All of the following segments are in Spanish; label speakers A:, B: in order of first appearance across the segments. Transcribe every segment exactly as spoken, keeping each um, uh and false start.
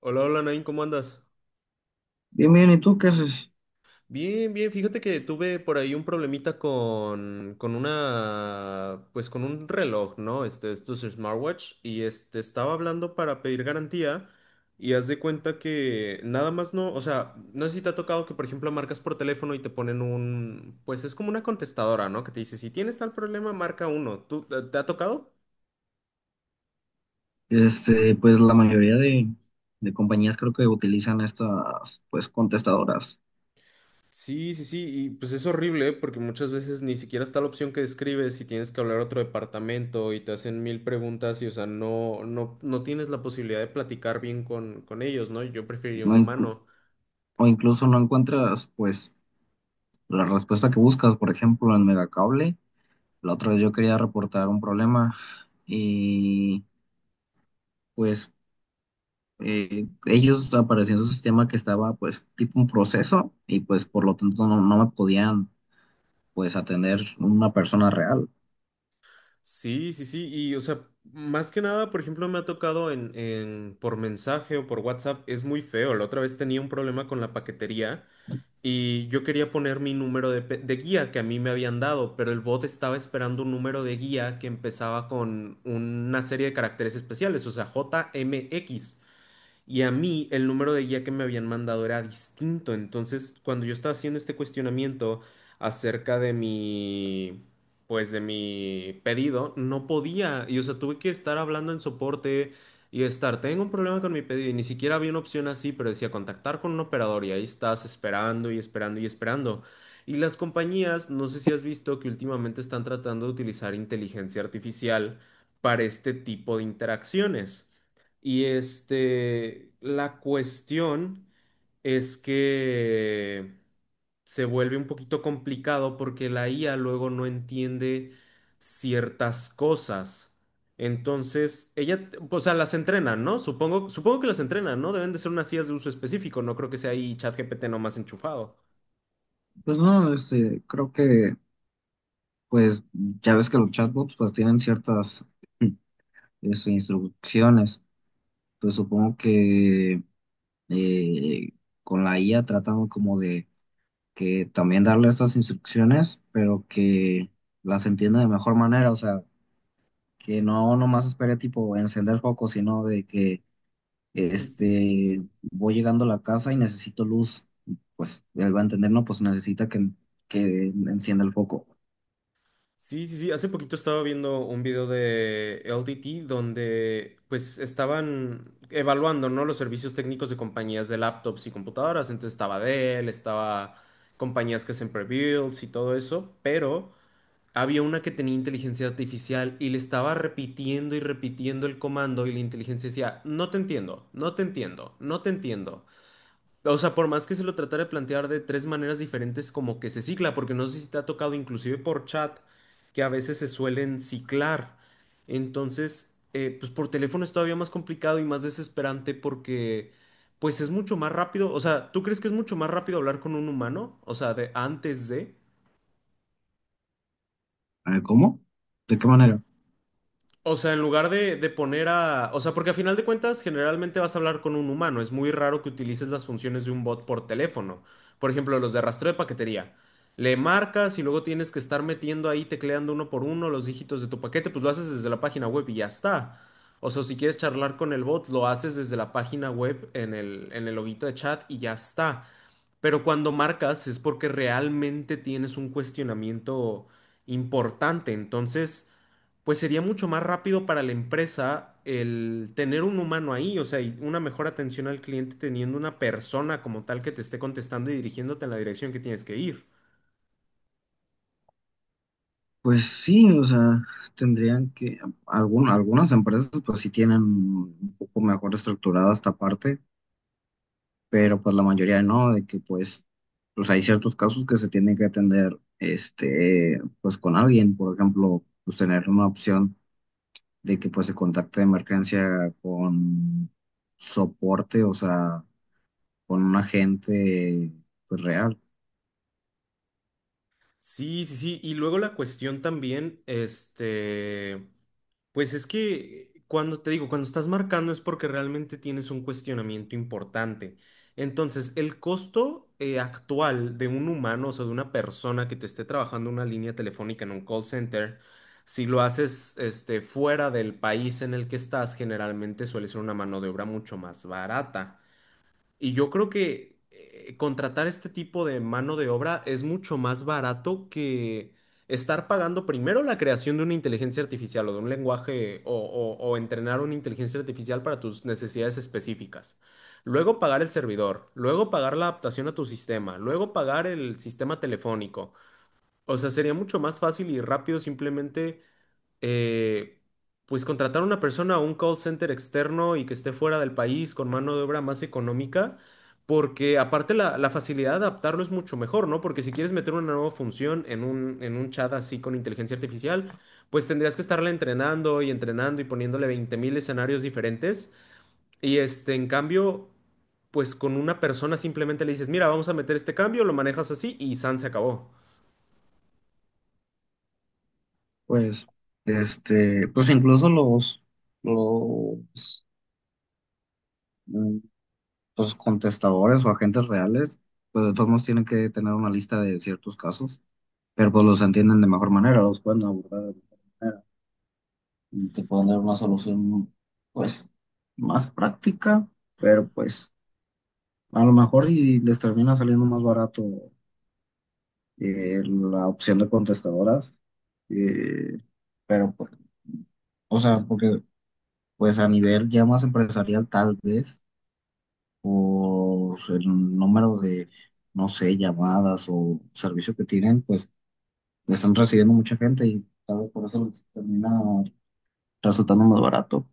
A: Hola, hola, Nain, ¿cómo andas?
B: Bien, bien, ¿y tú qué haces?
A: Bien, bien, fíjate que tuve por ahí un problemita con, con una, pues con un reloj, ¿no? Este, esto es smartwatch y este, estaba hablando para pedir garantía y haz de cuenta que nada más no, o sea, no sé si te ha tocado que, por ejemplo, marcas por teléfono y te ponen un, pues es como una contestadora, ¿no? Que te dice, si tienes tal problema, marca uno. ¿Tú, te te ha tocado?
B: Este, pues la mayoría de, de compañías creo que utilizan estas, pues, contestadoras.
A: Sí, sí, sí, y pues es horrible, ¿eh? Porque muchas veces ni siquiera está la opción que describes y tienes que hablar a otro departamento y te hacen mil preguntas y, o sea, no, no, no tienes la posibilidad de platicar bien con, con ellos, ¿no? Yo preferiría un
B: No inclu-
A: humano.
B: o incluso no encuentras, pues, la respuesta que buscas. Por ejemplo, en Megacable, la otra vez yo quería reportar un problema y, pues, eh, ellos aparecían en su sistema que estaba, pues, tipo un proceso y, pues, por lo tanto no, no me podían, pues, atender una persona real.
A: Sí, sí, sí, y, o sea, más que nada, por ejemplo, me ha tocado en, en, por mensaje o por WhatsApp, es muy feo. La otra vez tenía un problema con la paquetería. Y yo quería poner mi número de, pe- de guía que a mí me habían dado, pero el bot estaba esperando un número de guía que empezaba con una serie de caracteres especiales, o sea, J M X, y a mí el número de guía que me habían mandado era distinto. Entonces, cuando yo estaba haciendo este cuestionamiento acerca de mi, pues de mi pedido, no podía. Y o sea, tuve que estar hablando en soporte y estar, tengo un problema con mi pedido. Y ni siquiera había una opción así, pero decía contactar con un operador. Y ahí estás esperando y esperando y esperando. Y las compañías, no sé si has visto que últimamente están tratando de utilizar inteligencia artificial para este tipo de interacciones. Y este, la cuestión es que se vuelve un poquito complicado porque la I A luego no entiende ciertas cosas. Entonces, ella, o sea, las entrenan, ¿no? Supongo, supongo que las entrenan, ¿no? Deben de ser unas I As de uso específico, no creo que sea ahí ChatGPT nomás enchufado.
B: Pues no, este, creo que. Pues ya ves que los chatbots pues tienen ciertas es, instrucciones. Pues supongo que eh, con la I A tratamos como de que también darle estas instrucciones, pero que las entienda de mejor manera. O sea, que no nomás espere tipo encender foco, sino de que este voy llegando a la casa y necesito luz. Pues él va a entender, no, pues necesita que, que encienda el foco.
A: Sí, sí, sí. Hace poquito estaba viendo un video de L D T donde pues estaban evaluando, ¿no? Los servicios técnicos de compañías de laptops y computadoras. Entonces estaba Dell, estaba compañías que hacen pre-builds y todo eso, pero había una que tenía inteligencia artificial y le estaba repitiendo y repitiendo el comando y la inteligencia decía, no te entiendo, no te entiendo, no te entiendo. O sea, por más que se lo tratara de plantear de tres maneras diferentes, como que se cicla, porque no sé si te ha tocado inclusive por chat, que a veces se suelen ciclar. Entonces, eh, pues por teléfono es todavía más complicado y más desesperante porque, pues es mucho más rápido. O sea, ¿tú crees que es mucho más rápido hablar con un humano? O sea, de antes de…
B: A ver, ¿cómo? ¿De qué manera?
A: O sea, en lugar de, de poner a… O sea, porque a final de cuentas generalmente vas a hablar con un humano. Es muy raro que utilices las funciones de un bot por teléfono. Por ejemplo, los de rastreo de paquetería. Le marcas y luego tienes que estar metiendo ahí, tecleando uno por uno los dígitos de tu paquete. Pues lo haces desde la página web y ya está. O sea, si quieres charlar con el bot, lo haces desde la página web en el, en el loguito de chat y ya está. Pero cuando marcas es porque realmente tienes un cuestionamiento importante. Entonces, pues sería mucho más rápido para la empresa el tener un humano ahí, o sea, y una mejor atención al cliente teniendo una persona como tal que te esté contestando y dirigiéndote en la dirección que tienes que ir.
B: Pues sí, o sea, tendrían que, algún- algunas empresas pues sí tienen un poco mejor estructurada esta parte, pero pues la mayoría no, de que pues, pues hay ciertos casos que se tienen que atender, este, pues con alguien, por ejemplo, pues tener una opción de que pues se contacte de emergencia con soporte, o sea, con un agente pues real,
A: Sí, sí, sí. Y luego la cuestión también, este, pues es que cuando te digo, cuando estás marcando es porque realmente tienes un cuestionamiento importante. Entonces, el costo eh, actual de un humano, o sea, de una persona que te esté trabajando una línea telefónica en un call center, si lo haces, este, fuera del país en el que estás, generalmente suele ser una mano de obra mucho más barata. Y yo creo que eh, contratar este tipo de mano de obra es mucho más barato que estar pagando primero la creación de una inteligencia artificial o de un lenguaje o, o- o entrenar una inteligencia artificial para tus necesidades específicas. Luego pagar el servidor, luego pagar la adaptación a tu sistema, luego pagar el sistema telefónico. O sea, sería mucho más fácil y rápido simplemente eh, pues contratar a una persona a un call center externo y que esté fuera del país con mano de obra más económica, porque aparte la, la facilidad de adaptarlo es mucho mejor, ¿no? Porque si quieres meter una nueva función en un, en un chat así con inteligencia artificial, pues tendrías que estarla entrenando y entrenando y poniéndole veinte mil escenarios diferentes. Y este, en cambio, pues con una persona simplemente le dices, mira, vamos a meter este cambio, lo manejas así y San se acabó.
B: pues, este, pues incluso los, los los contestadores o agentes reales, pues de todos modos tienen que tener una lista de ciertos casos, pero pues los entienden de mejor manera, los pueden abordar de mejor manera y te pueden dar una solución pues más práctica, pero pues a lo mejor y les termina saliendo más barato eh, la opción de contestadoras, eh, pero pues, o sea, porque pues a nivel ya más empresarial tal vez, por el número de, no sé, llamadas o servicio que tienen, pues le están recibiendo mucha gente y tal vez por eso les termina resultando más barato.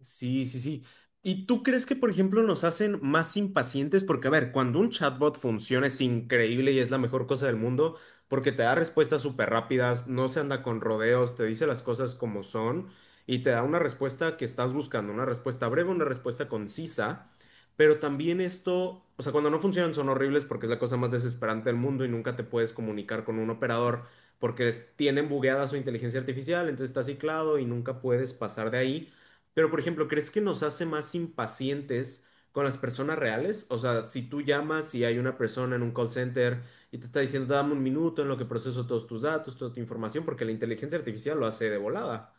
A: Sí, sí, sí. ¿Y tú crees que, por ejemplo, nos hacen más impacientes? Porque, a ver, cuando un chatbot funciona es increíble y es la mejor cosa del mundo porque te da respuestas súper rápidas, no se anda con rodeos, te dice las cosas como son y te da una respuesta que estás buscando, una respuesta breve, una respuesta concisa. Pero también esto, o sea, cuando no funcionan son horribles porque es la cosa más desesperante del mundo y nunca te puedes comunicar con un operador porque es- tienen bugueada su inteligencia artificial, entonces estás ciclado y nunca puedes pasar de ahí. Pero, por ejemplo, ¿crees que nos hace más impacientes con las personas reales? O sea, si tú llamas y hay una persona en un call center y te está diciendo, dame un minuto en lo que proceso todos tus datos, toda tu información, porque la inteligencia artificial lo hace de volada.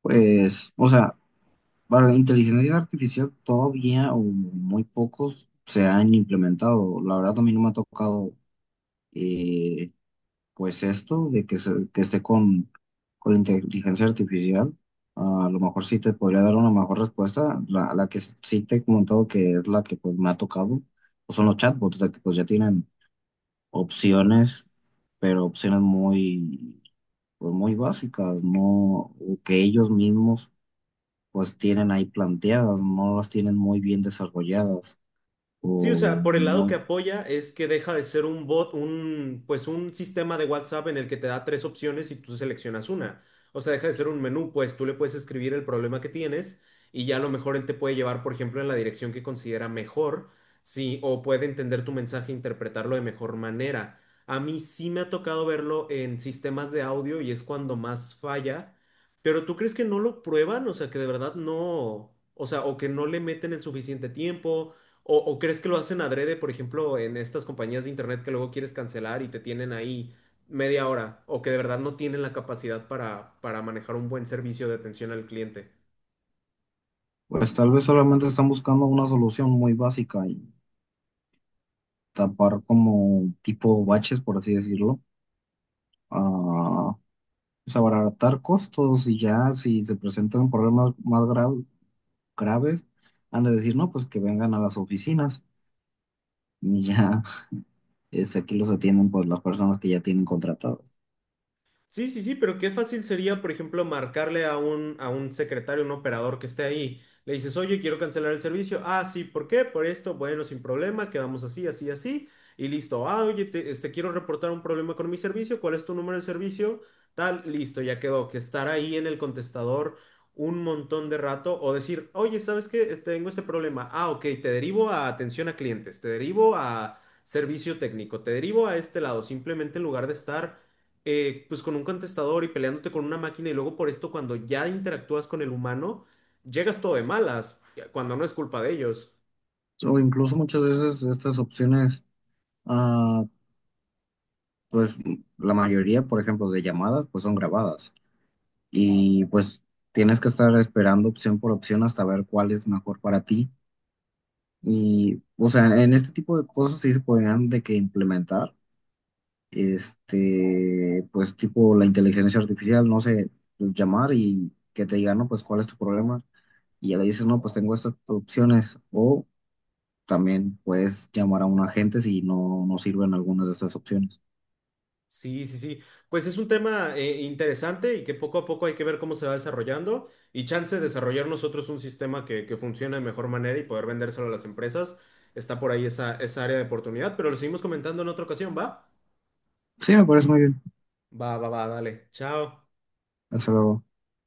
B: Pues, o sea, para la inteligencia artificial todavía o muy pocos se han implementado. La verdad a mí no me ha tocado eh, pues esto de que, se- que esté con, con la inteligencia artificial, a lo mejor sí te podría dar una mejor respuesta. La, la que sí te he comentado que es la que pues me ha tocado, pues son los chatbots, de que pues ya tienen opciones, pero opciones muy, pues, muy básicas, no, o que ellos mismos pues tienen ahí planteadas, no las tienen muy bien desarrolladas,
A: Sí, o
B: o
A: sea, por el lado que
B: muy-
A: apoya es que deja de ser un bot, un, pues un sistema de WhatsApp en el que te da tres opciones y tú seleccionas una. O sea, deja de ser un menú, pues tú le puedes escribir el problema que tienes y ya a lo mejor él te puede llevar, por ejemplo, en la dirección que considera mejor, sí, o puede entender tu mensaje e interpretarlo de mejor manera. A mí sí me ha tocado verlo en sistemas de audio y es cuando más falla, pero ¿tú crees que no lo prueban? O sea, que de verdad no, o sea, o que no le meten el suficiente tiempo. ¿O, o crees que lo hacen adrede, por ejemplo, en estas compañías de internet que luego quieres cancelar y te tienen ahí media hora, o que de verdad no tienen la capacidad para, para manejar un buen servicio de atención al cliente?
B: pues tal vez solamente están buscando una solución muy básica, tapar como tipo baches, por así decirlo, a pues, abaratar costos y ya si se presentan problemas más gra- graves, han de decir, no, pues que vengan a las oficinas y ya es, aquí los atienden pues las personas que ya tienen contratados.
A: Sí, sí, sí, pero qué fácil sería, por ejemplo, marcarle a un, a un secretario, un operador que esté ahí. Le dices, oye, quiero cancelar el servicio. Ah, sí, ¿por qué? Por esto. Bueno, sin problema, quedamos así, así, así. Y listo. Ah, oye, te- este, quiero reportar un problema con mi servicio. ¿Cuál es tu número de servicio? Tal, listo, ya quedó. Que estar ahí en el contestador un montón de rato o decir, oye, ¿sabes qué? Este, tengo este problema. Ah, ok, te derivo a atención a clientes, te derivo a servicio técnico, te derivo a este lado. Simplemente en lugar de estar eh, pues con un contestador y peleándote con una máquina y luego por esto cuando ya interactúas con el humano, llegas todo de malas, cuando no es culpa de ellos.
B: O incluso muchas veces estas opciones, ah, pues la mayoría, por ejemplo, de llamadas, pues son grabadas y pues tienes que estar esperando opción por opción hasta ver cuál es mejor para ti. Y, o sea, en este tipo de cosas sí se podrían de que implementar, este, pues tipo la inteligencia artificial, no sé, pues, llamar y que te diga, no, pues cuál es tu problema. Y ya le dices, no, pues tengo estas opciones. O también puedes llamar a un agente si no, no sirven algunas de estas opciones.
A: Sí, sí, sí. Pues es un tema eh, interesante y que poco a poco hay que ver cómo se va desarrollando y chance de desarrollar nosotros un sistema que, que funcione de mejor manera y poder vendérselo a las empresas. Está por ahí esa, esa área de oportunidad, pero lo seguimos comentando en otra ocasión, ¿va?
B: Sí, me parece muy bien.
A: Va, va, va, dale. Chao.
B: Hasta luego.